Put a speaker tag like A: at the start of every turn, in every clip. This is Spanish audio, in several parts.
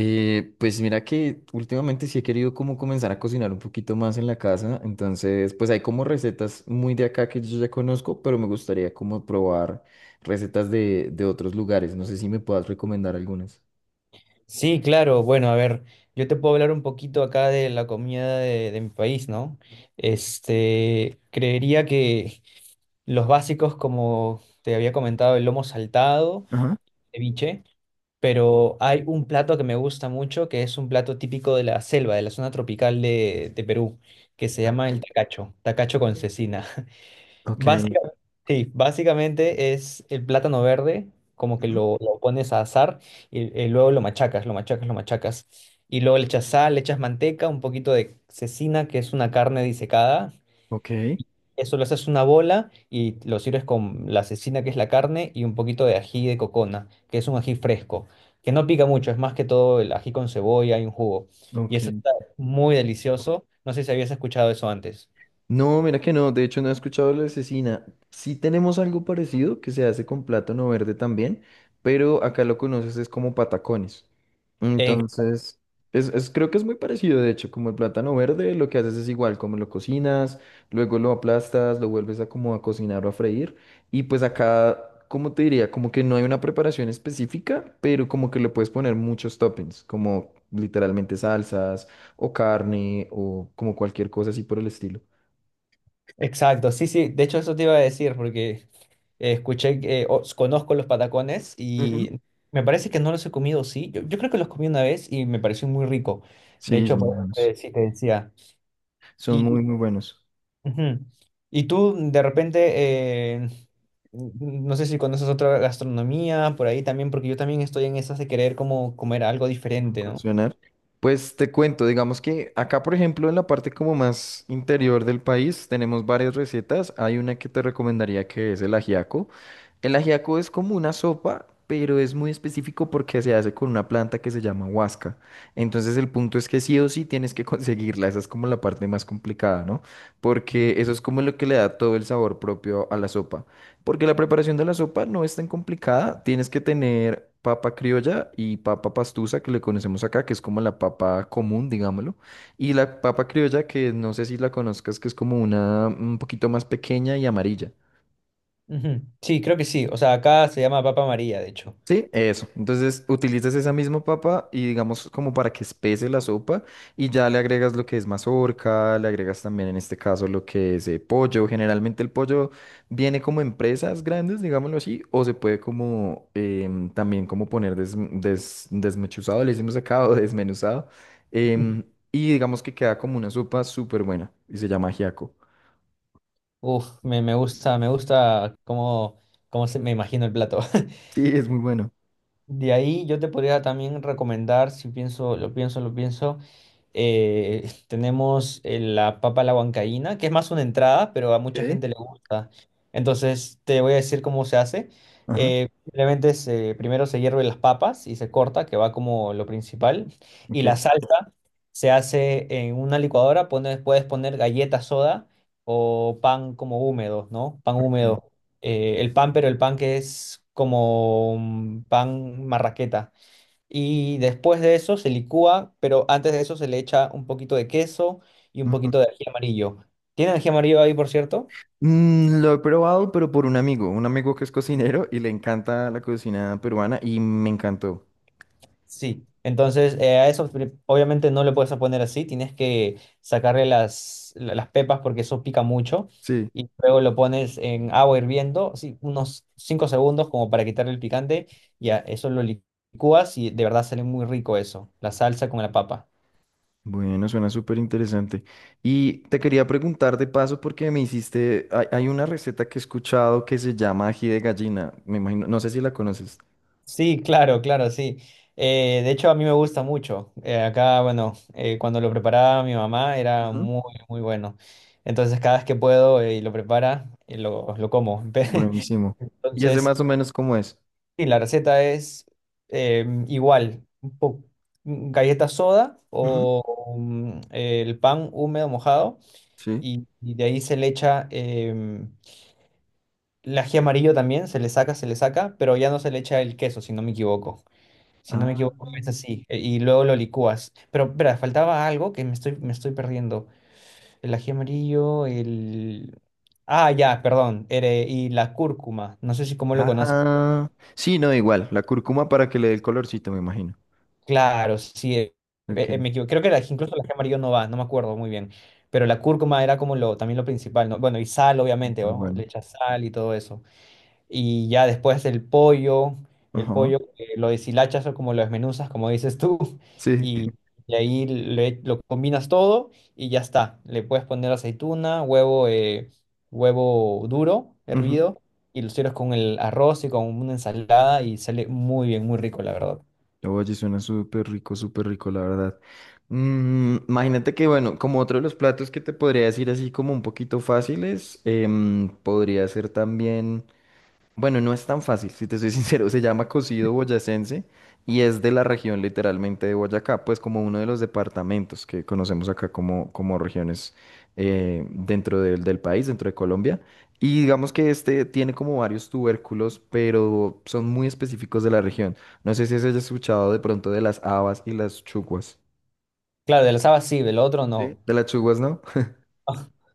A: Pues mira que últimamente sí he querido como comenzar a cocinar un poquito más en la casa, entonces pues hay como recetas muy de acá que yo ya conozco, pero me gustaría como probar recetas de otros lugares, no sé si me puedas recomendar algunas.
B: Sí, claro. Bueno, a ver, yo te puedo hablar un poquito acá de la comida de mi país, ¿no? Creería que los básicos, como te había comentado, el lomo saltado,
A: Ajá.
B: ceviche, pero hay un plato que me gusta mucho, que es un plato típico de la selva, de la zona tropical de Perú, que se
A: Ah.
B: llama el tacacho con cecina.
A: Ok.
B: Básicamente, sí, básicamente es el plátano verde, como que
A: Ujú.
B: lo pones a asar y luego lo machacas, lo machacas, lo machacas. Y luego le echas sal, le echas manteca, un poquito de cecina, que es una carne disecada.
A: Ok.
B: Eso lo haces una bola y lo sirves con la cecina, que es la carne, y un poquito de ají de cocona, que es un ají fresco, que no pica mucho, es más que todo el ají con cebolla y un jugo. Y
A: Ok.
B: eso está muy delicioso. No sé si habías escuchado eso antes.
A: No, mira que no, de hecho no he escuchado la cecina. Sí tenemos algo parecido que se hace con plátano verde también, pero acá lo conoces es como patacones. Entonces, creo que es muy parecido, de hecho, como el plátano verde, lo que haces es igual, como lo cocinas, luego lo aplastas, lo vuelves a como a cocinar o a freír, y pues acá, como te diría, como que no hay una preparación específica, pero como que le puedes poner muchos toppings, como literalmente salsas o carne o como cualquier cosa así por el estilo.
B: Exacto, sí, sí, de hecho eso te iba a decir porque escuché, conozco los patacones
A: Ujú.
B: y me parece que no los he comido, sí, yo creo que los comí una vez y me pareció muy rico, de
A: Sí,
B: hecho,
A: son muy buenos.
B: sí te decía.
A: Son muy,
B: Y,
A: muy buenos.
B: y, ujú. Y tú de repente, no sé si conoces otra gastronomía por ahí también, porque yo también estoy en esas de querer como comer algo
A: Voy
B: diferente, ¿no?
A: incursionar. Pues te cuento, digamos que acá, por ejemplo, en la parte como más interior del país, tenemos varias recetas. Hay una que te recomendaría que es el ajiaco. El ajiaco es como una sopa, pero es muy específico porque se hace con una planta que se llama huasca. Entonces el punto es que sí o sí tienes que conseguirla. Esa es como la parte más complicada, ¿no? Porque eso es como lo que le da todo el sabor propio a la sopa. Porque la preparación de la sopa no es tan complicada. Tienes que tener papa criolla y papa pastusa, que le conocemos acá, que es como la papa común, digámoslo. Y la papa criolla, que no sé si la conozcas, que es como una un poquito más pequeña y amarilla.
B: Ujú. Sí, creo que sí, o sea, acá se llama Papa María, de hecho.
A: Sí, eso. Entonces utilizas esa misma papa y digamos como para que espese la sopa y ya le agregas lo que es mazorca, le agregas también en este caso lo que es pollo. Generalmente el pollo viene como en presas grandes, digámoslo así, o se puede como también como poner desmechuzado, le hicimos acá o desmenuzado. em, y digamos que queda como una sopa súper buena y se llama ajiaco.
B: Uf, me gusta, me gusta me imagino el plato.
A: Sí, es muy bueno.
B: De ahí yo te podría también recomendar, si pienso, tenemos la papa a la huancaína, que es más una entrada, pero a mucha
A: Ok.
B: gente le gusta. Entonces te voy a decir cómo se hace.
A: Ajá.
B: Primero se hierven las papas y se corta, que va como lo principal. Y
A: Ok.
B: la salsa se hace en una licuadora, puedes poner galletas soda o pan como húmedo, ¿no? Pan húmedo pero el pan que es como un pan marraqueta. Y después de eso se licúa, pero antes de eso se le echa un poquito de queso y un
A: Ok.
B: poquito de ají amarillo. ¿Tiene ají amarillo ahí, por cierto?
A: Mm, lo he probado, pero por un amigo que es cocinero y le encanta la cocina peruana y me encantó.
B: Sí, entonces obviamente no le puedes poner así, tienes que sacarle las pepas porque eso pica mucho
A: Sí,
B: y luego lo pones en agua hirviendo, sí, unos 5 segundos como para quitarle el picante y a eso lo licúas y de verdad sale muy rico eso, la salsa con la papa.
A: bueno, suena súper interesante. Y te quería preguntar de paso porque me hiciste, hay una receta que he escuchado que se llama ají de gallina, me imagino, no sé si la conoces.
B: Sí, claro, claro, sí. De hecho a mí me gusta mucho. Acá, bueno, cuando lo preparaba mi mamá era
A: Ujú.
B: muy, muy bueno. Entonces cada vez que puedo y lo prepara, lo como.
A: Buenísimo. ¿Y ese
B: Entonces,
A: más o menos cómo es?
B: sí, la receta es igual, galleta soda
A: Ujú.
B: o el pan húmedo mojado
A: Sí.
B: y de ahí se le echa el ají amarillo también, se le saca, pero ya no se le echa el queso, si no me equivoco. Si no me
A: Ah,
B: equivoco, es así. Y luego lo licúas. Pero, espera, faltaba algo que me estoy perdiendo. El ají amarillo, el... Ah, ya, perdón. Y la cúrcuma. No sé si cómo lo conoces.
A: ah, sí, no, igual, la cúrcuma para que le dé el colorcito, me imagino.
B: Claro, sí,
A: Ok.
B: me equivoco. Creo que incluso la ají amarillo no va, no me acuerdo muy bien. Pero la cúrcuma era como lo, también lo principal, ¿no? Bueno, y sal, obviamente,
A: Súper
B: ¿no? Le
A: bueno.
B: echas sal y todo eso. Y ya después el
A: Ajá.
B: pollo lo deshilachas o como lo desmenuzas, como dices tú,
A: Sí.
B: y, y ahí lo combinas todo y ya está. Le puedes poner aceituna, huevo, huevo duro, hervido, y lo sirves con el arroz y con una ensalada y sale muy bien, muy rico, la verdad.
A: Oye, suena súper rico, la verdad. Mm, imagínate que, bueno, como otro de los platos que te podría decir así como un poquito fáciles, podría ser también bueno, no es tan fácil, si te soy sincero, se llama cocido boyacense y es de la región literalmente de Boyacá, pues como uno de los departamentos que conocemos acá como, como regiones dentro del país, dentro de Colombia. Y digamos que este tiene como varios tubérculos, pero son muy específicos de la región. No sé si has escuchado de pronto de las habas y las chuguas.
B: Claro, del asado sí, del otro no.
A: Sí. De las chuguas, ¿no?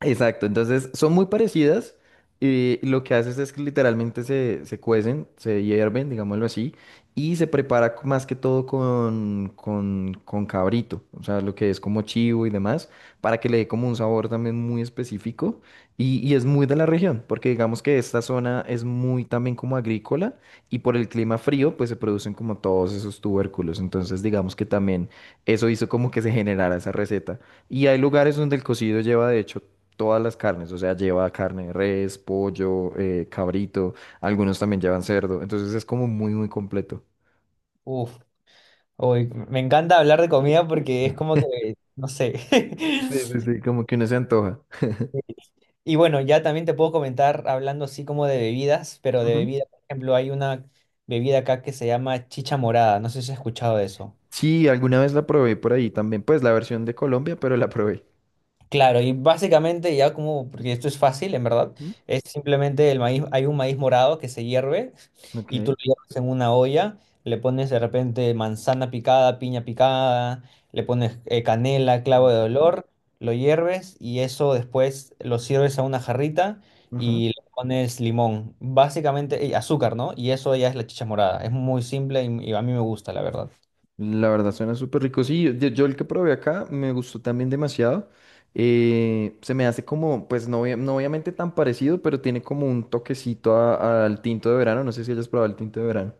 A: Exacto, entonces son muy parecidas y lo que haces es que literalmente se cuecen, se hierven, digámoslo así, y se prepara más que todo con cabrito, o sea, lo que es como chivo y demás, para que le dé como un sabor también muy específico y es muy de la región, porque digamos que esta zona es muy también como agrícola y por el clima frío pues se producen como todos esos tubérculos, entonces digamos que también eso hizo como que se generara esa receta. Y hay lugares donde el cocido lleva de hecho todas las carnes, o sea, lleva carne de res, pollo, cabrito, algunos también llevan cerdo, entonces es como muy, muy completo.
B: Uf, uy, me encanta hablar de comida porque es como que, no sé.
A: Sí, sí, sí, como que uno se antoja.
B: Y bueno, ya también te puedo comentar hablando así como de bebidas, pero de
A: Ujú.
B: bebida, por ejemplo, hay una bebida acá que se llama chicha morada, no sé si has escuchado de eso.
A: Sí, alguna vez la probé por ahí también, pues la versión de Colombia, pero la probé.
B: Claro, y básicamente ya como, porque esto es fácil, en verdad,
A: Ujú.
B: es simplemente el maíz, hay un maíz morado que se hierve
A: Ok.
B: y tú lo hierves en una olla, le pones de repente manzana picada, piña picada, le pones canela, clavo
A: Muy
B: de
A: rico.
B: olor, lo hierves y eso después lo sirves a una jarrita
A: Ajá.
B: y le pones limón, básicamente y azúcar, ¿no? Y eso ya es la chicha morada, es muy simple y a mí me gusta, la verdad.
A: La verdad suena súper rico. Sí, yo el que probé acá me gustó también demasiado. Se me hace como, pues no, no obviamente tan parecido, pero tiene como un toquecito al tinto de verano. No sé si hayas probado el tinto de verano.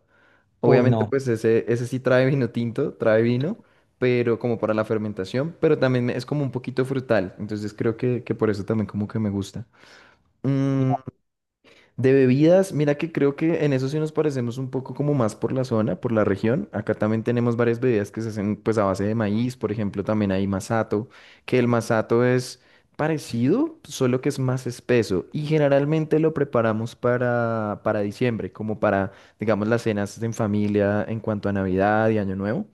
B: Uy,
A: Obviamente,
B: no.
A: pues ese sí trae vino tinto, trae vino, pero como para la fermentación, pero también es como un poquito frutal, entonces creo que por eso también como que me gusta. Mm, de bebidas, mira que creo que en eso sí nos parecemos un poco como más por la zona, por la región. Acá también tenemos varias bebidas que se hacen pues a base de maíz, por ejemplo, también hay masato, que el masato es parecido, solo que es más espeso y generalmente lo preparamos para diciembre, como para, digamos, las cenas en familia en cuanto a Navidad y Año Nuevo.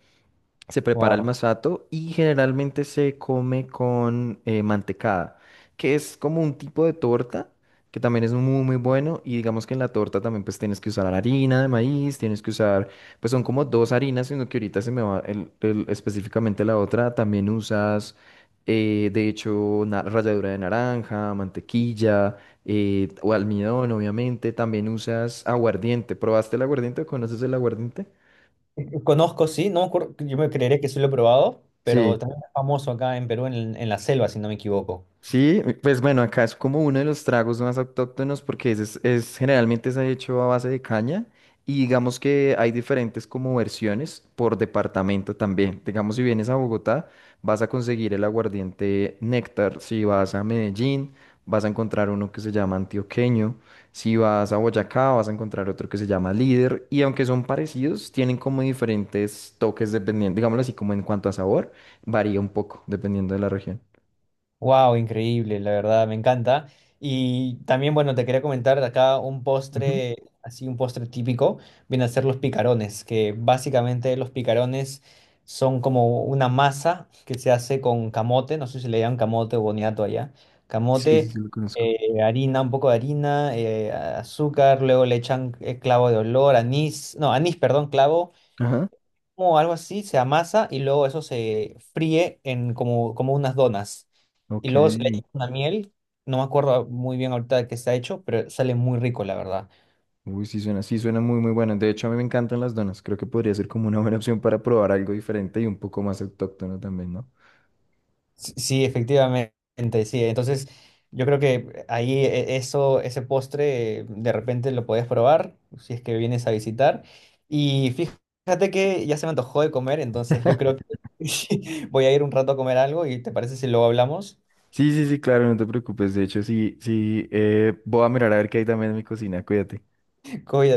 A: Se prepara el
B: Wow.
A: masato y generalmente se come con mantecada, que es como un tipo de torta que también es muy muy bueno y digamos que en la torta también pues tienes que usar harina de maíz, tienes que usar, pues son como dos harinas, sino que ahorita se me va específicamente la otra, también usas ralladura de naranja, mantequilla o almidón obviamente, también usas aguardiente, ¿probaste el aguardiente? O ¿conoces el aguardiente?
B: Conozco, sí, no me acuerdo, yo me creería que sí lo he probado, pero
A: Sí.
B: también es famoso acá en Perú, en la selva, si no me equivoco.
A: Sí, pues bueno, acá es como uno de los tragos más autóctonos porque generalmente se ha hecho a base de caña y digamos que hay diferentes como versiones por departamento también. Digamos, si vienes a Bogotá, vas a conseguir el aguardiente Néctar. Si vas a Medellín, vas a encontrar uno que se llama antioqueño. Si vas a Boyacá, vas a encontrar otro que se llama líder. Y aunque son parecidos, tienen como diferentes toques dependiendo, digámoslo así, como en cuanto a sabor, varía un poco dependiendo de la región.
B: Wow, increíble, la verdad, me encanta. Y también, bueno, te quería comentar acá un postre, así un postre típico, viene a ser los picarones, que básicamente los picarones son como una masa que se hace con camote, no sé si le llaman camote o boniato allá,
A: Sí, sí,
B: camote,
A: sí, lo conozco.
B: harina, un poco de harina, azúcar, luego le echan clavo de olor, anís, no, anís, perdón, clavo,
A: Ajá.
B: o algo así, se amasa y luego eso se fríe en como, como unas donas. Y
A: Ok.
B: luego se le echa una miel, no me acuerdo muy bien ahorita de qué está hecho, pero sale muy rico, la verdad.
A: Uy, sí suena muy, muy buena. De hecho, a mí me encantan las donas. Creo que podría ser como una buena opción para probar algo diferente y un poco más autóctono también, ¿no?
B: Sí, sí, efectivamente, sí. Entonces, yo creo que ahí eso, ese postre, de repente lo podés probar si es que vienes a visitar. Y fíjate que ya se me antojó de comer, entonces yo creo que voy a ir un rato a comer algo y ¿te parece si luego hablamos?
A: Sí, sí, sí, claro, no te preocupes. De hecho, sí, sí, voy a mirar a ver qué hay también en mi cocina. Cuídate.
B: Cuídate.